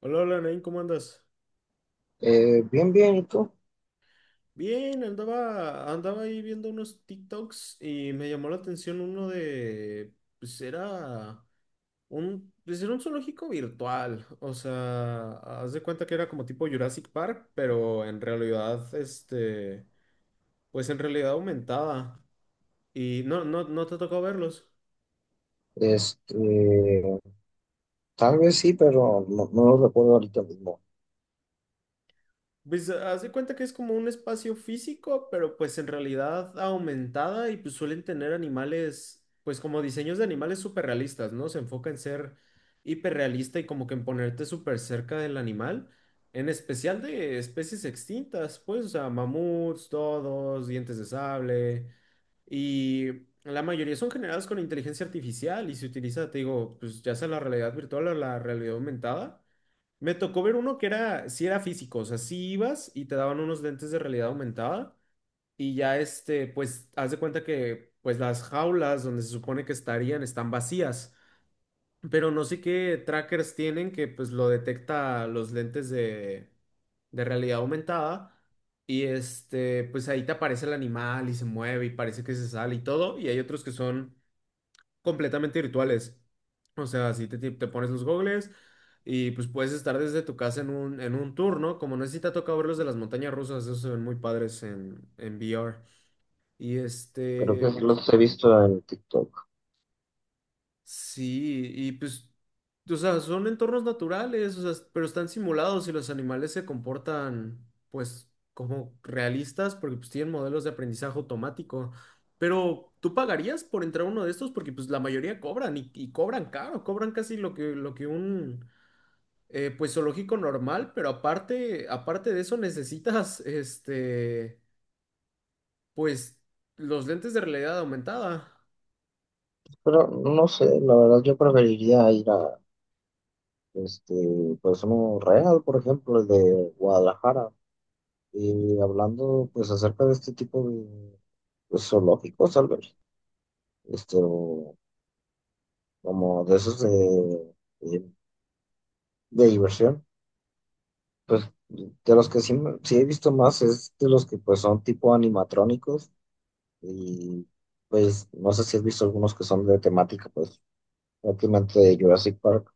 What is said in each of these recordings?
Hola, hola, Nain, ¿cómo andas? Bien, bien, ¿y tú? Bien, andaba ahí viendo unos TikToks y me llamó la atención uno de, pues era un zoológico virtual, o sea, haz de cuenta que era como tipo Jurassic Park, pero en realidad, pues en realidad aumentada y no te tocó verlos. Este, tal vez sí, pero no, no lo recuerdo ahorita mismo. Pues haz de cuenta que es como un espacio físico, pero pues en realidad aumentada y pues suelen tener animales, pues como diseños de animales súper realistas, ¿no? Se enfoca en ser hiperrealista y como que en ponerte súper cerca del animal, en especial de especies extintas, pues, o sea, mamuts, todos, dientes de sable y la mayoría son generados con inteligencia artificial y se utiliza, te digo, pues ya sea la realidad virtual o la realidad aumentada. Me tocó ver uno que era, sí era físico, o sea, sí ibas y te daban unos lentes de realidad aumentada y ya pues, haz de cuenta que, pues, las jaulas donde se supone que estarían están vacías, pero no sé qué trackers tienen que, pues, lo detecta los lentes de realidad aumentada y pues ahí te aparece el animal y se mueve y parece que se sale y todo y hay otros que son completamente virtuales. O sea, si te, te pones los gogles y pues puedes estar desde tu casa en un tour, ¿no? Como no sé si te ha tocado ver los de las montañas rusas, esos se ven muy padres en VR. Y Creo que sí los he visto en TikTok. sí, y pues, o sea, son entornos naturales, o sea, pero están simulados y los animales se comportan, pues, como realistas porque pues tienen modelos de aprendizaje automático. Pero tú pagarías por entrar a uno de estos porque pues la mayoría cobran y cobran caro, cobran casi lo que un, pues, zoológico normal, pero aparte, aparte de eso necesitas, pues, los lentes de realidad aumentada. Pero no sé, la verdad yo preferiría ir a, este, pues un real, por ejemplo, el de Guadalajara. Y hablando, pues, acerca de este tipo de pues, zoológicos, tal vez, o como de esos de, de, de diversión, pues, de los que sí, sí he visto más es de los que, pues, son tipo animatrónicos. Y pues no sé si has visto algunos que son de temática, pues prácticamente de Jurassic Park.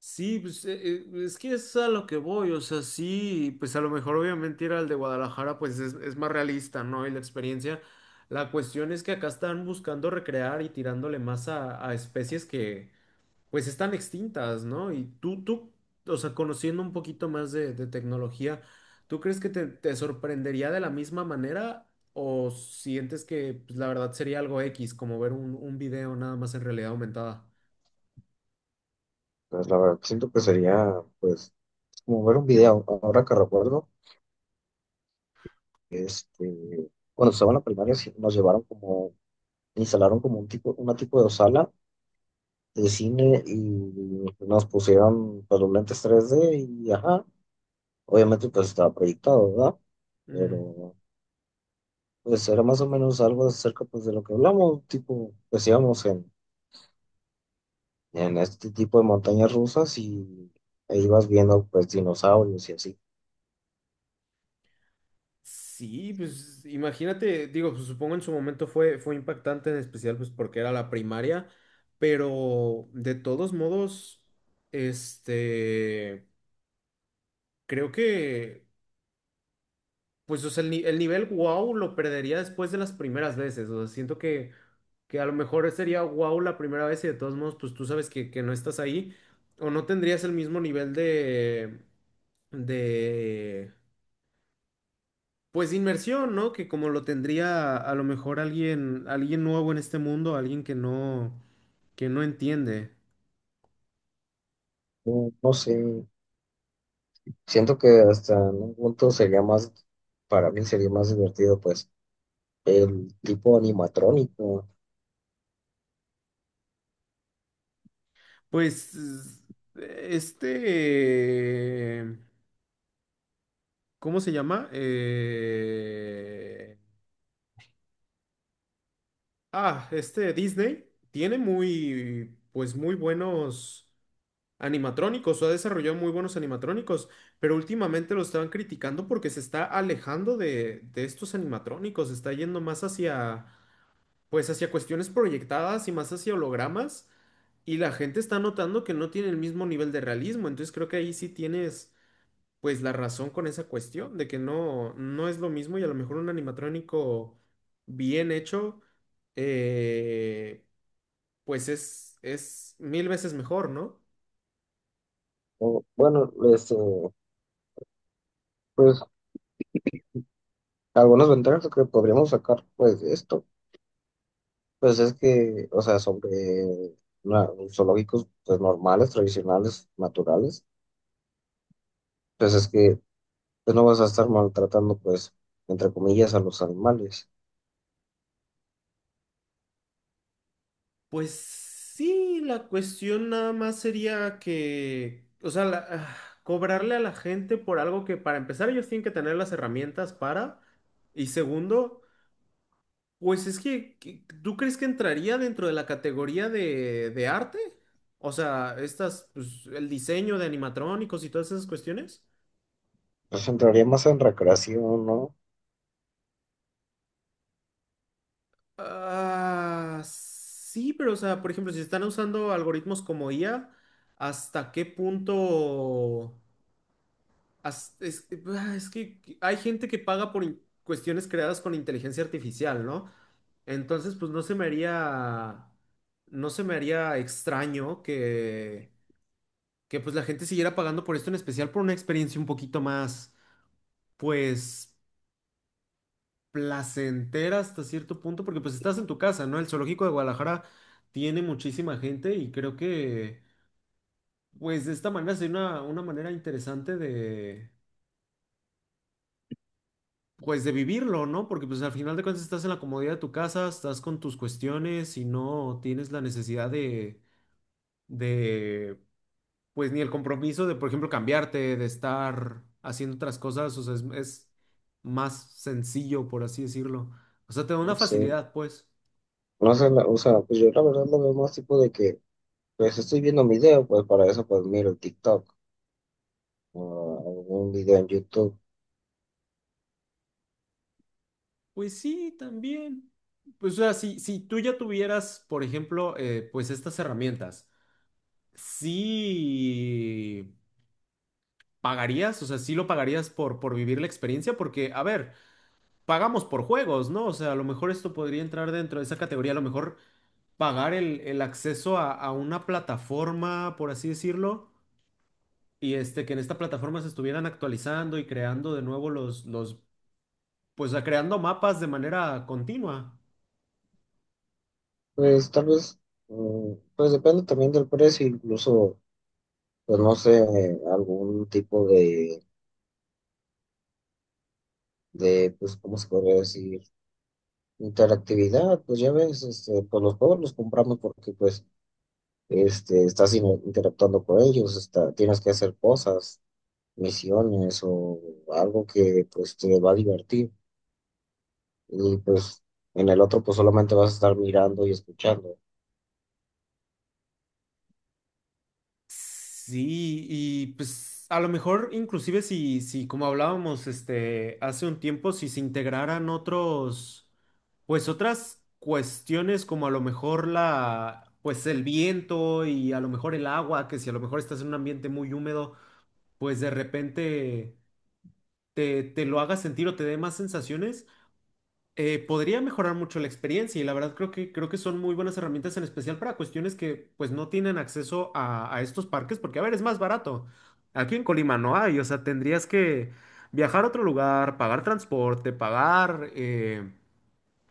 Sí, pues es que es a lo que voy, o sea, sí, pues a lo mejor obviamente ir al de Guadalajara pues es más realista, ¿no? Y la experiencia, la cuestión es que acá están buscando recrear y tirándole más a especies que pues están extintas, ¿no? Y tú, o sea, conociendo un poquito más de tecnología, ¿tú crees que te sorprendería de la misma manera o sientes que pues, la verdad sería algo X, como ver un video nada más en realidad aumentada? Pues la verdad siento que sería, pues, como ver un video. Ahora que recuerdo, este, cuando estaba en la primaria sí, nos llevaron como, instalaron como un tipo, una tipo de sala de cine y nos pusieron pues, los lentes 3D y ajá, obviamente pues estaba proyectado, ¿verdad? Ujú. Pero pues era más o menos algo acerca pues de lo que hablamos, tipo, decíamos en este tipo de montañas rusas y ahí vas viendo pues dinosaurios y así. Sí, pues imagínate, digo, pues, supongo en su momento fue, fue impactante, en especial pues porque era la primaria, pero de todos modos, este, creo que, pues o sea, el, el nivel wow lo perdería después de las primeras veces, o sea, siento que a lo mejor sería wow la primera vez y de todos modos, pues tú sabes que no estás ahí, o no tendrías el mismo nivel de, pues de inmersión, ¿no? Que como lo tendría a lo mejor alguien, alguien nuevo en este mundo, alguien que no entiende. No, no sé, siento que hasta en un punto sería más, para mí sería más divertido pues el tipo animatrónico. Pues este, ¿cómo se llama? Este Disney tiene muy, pues muy buenos animatrónicos, o ha desarrollado muy buenos animatrónicos, pero últimamente lo estaban criticando porque se está alejando de estos animatrónicos, se está yendo más hacia pues hacia cuestiones proyectadas y más hacia hologramas, y la gente está notando que no tiene el mismo nivel de realismo, entonces creo que ahí sí tienes pues la razón con esa cuestión de que no, no es lo mismo y a lo mejor un animatrónico bien hecho, eh, pues es mil veces mejor, ¿no? O, bueno, pues algunas ventajas que podríamos sacar pues de esto, pues es que, o sea, sobre zoológicos pues normales, tradicionales, naturales, pues es que pues, no vas a estar maltratando pues entre comillas a los animales. Pues sí, la cuestión nada más sería que, o sea, cobrarle a la gente por algo que para empezar ellos tienen que tener las herramientas para, y segundo, pues es que, ¿tú crees que entraría dentro de la categoría de arte? O sea, estas, pues, el diseño de animatrónicos y todas esas cuestiones. Pues entraría más en recreación, ¿no? Ah, sí, pero o sea, por ejemplo, si están usando algoritmos como IA, ¿hasta qué punto? Es que hay gente que paga por cuestiones creadas con inteligencia artificial, ¿no? Entonces, pues no se me haría, no se me haría extraño que pues la gente siguiera pagando por esto, en especial por una experiencia un poquito más, pues, placentera hasta cierto punto, porque pues estás en tu casa, ¿no? El zoológico de Guadalajara tiene muchísima gente y creo que, pues, de esta manera sería una manera interesante de pues de vivirlo, ¿no? Porque pues al final de cuentas estás en la comodidad de tu casa, estás con tus cuestiones y no tienes la necesidad de, pues ni el compromiso de, por ejemplo, cambiarte, de estar haciendo otras cosas, o sea, es más sencillo, por así decirlo. O sea, te da una No sé, facilidad, pues. no sé, o sea, pues yo la verdad lo veo más tipo de que, pues estoy viendo un video, pues para eso pues miro TikTok o algún video en YouTube. Pues sí, también. Pues o sea, si, si tú ya tuvieras, por ejemplo, pues estas herramientas, sí pagarías, o sea, sí lo pagarías por vivir la experiencia, porque, a ver, pagamos por juegos, ¿no? O sea, a lo mejor esto podría entrar dentro de esa categoría, a lo mejor pagar el acceso a una plataforma, por así decirlo, y que en esta plataforma se estuvieran actualizando y creando de nuevo los, pues creando mapas de manera continua. Pues tal vez, pues depende también del precio, incluso, pues no sé, algún tipo de, pues, ¿cómo se podría decir? Interactividad, pues ya ves, pues los juegos los compramos porque pues, estás interactuando con ellos, está, tienes que hacer cosas. Misiones o algo que pues te va a divertir. Y pues en el otro pues solamente vas a estar mirando y escuchando. Sí, y pues a lo mejor inclusive si, si como hablábamos este hace un tiempo, si se integraran otros, pues otras cuestiones como a lo mejor la, pues el viento y a lo mejor el agua, que si a lo mejor estás en un ambiente muy húmedo, pues de repente te, te lo haga sentir o te dé más sensaciones podría mejorar mucho la experiencia y la verdad creo que son muy buenas herramientas en especial para cuestiones que pues no tienen acceso a estos parques porque a ver, es más barato. Aquí en Colima no hay, o sea, tendrías que viajar a otro lugar, pagar transporte, pagar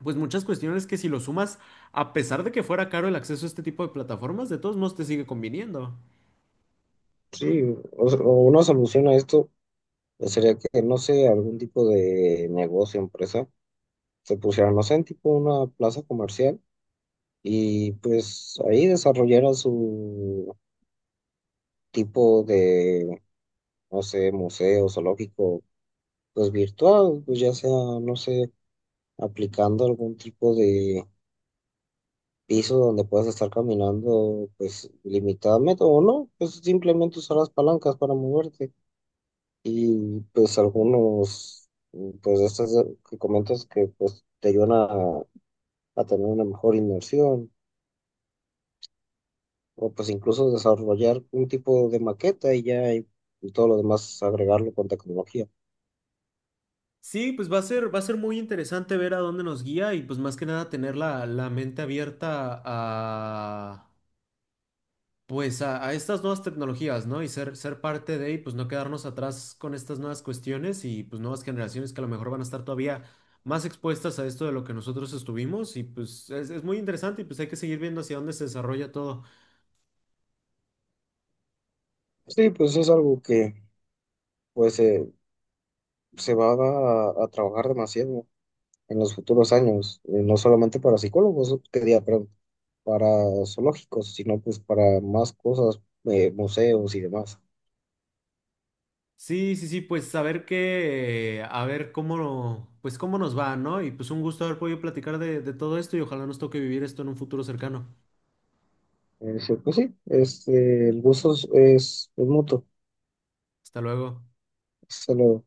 pues muchas cuestiones que si lo sumas, a pesar de que fuera caro el acceso a este tipo de plataformas, de todos modos te sigue conviniendo. Sí, o, sea, o una solución a esto pues, sería que, no sé, algún tipo de negocio, empresa, se pusiera, no sé, en tipo una plaza comercial y pues ahí desarrollara su tipo de, no sé, museo, zoológico, pues virtual, pues ya sea, no sé, aplicando algún tipo de piso donde puedas estar caminando pues limitadamente o no, pues simplemente usar las palancas para moverte y pues algunos pues de estas que comentas que pues te ayudan a tener una mejor inmersión o pues incluso desarrollar un tipo de maqueta y ya y todo lo demás agregarlo con tecnología. Sí, pues va a ser muy interesante ver a dónde nos guía y pues más que nada tener la, la mente abierta a pues a estas nuevas tecnologías, ¿no? Y ser, ser parte de, y pues no quedarnos atrás con estas nuevas cuestiones y pues nuevas generaciones que a lo mejor van a estar todavía más expuestas a esto de lo que nosotros estuvimos y pues es muy interesante y pues hay que seguir viendo hacia dónde se desarrolla todo. Sí, pues es algo que pues se va a trabajar demasiado en los futuros años, no solamente para psicólogos, que diga, perdón, para zoológicos, sino pues para más cosas, museos y demás. Sí, sí, sí, pues saber ver qué, a ver cómo, pues cómo nos va, ¿no? Y pues un gusto haber podido platicar de todo esto y ojalá nos toque vivir esto en un futuro cercano. Sí, pues sí, el gusto es mutuo. Hasta luego. Solo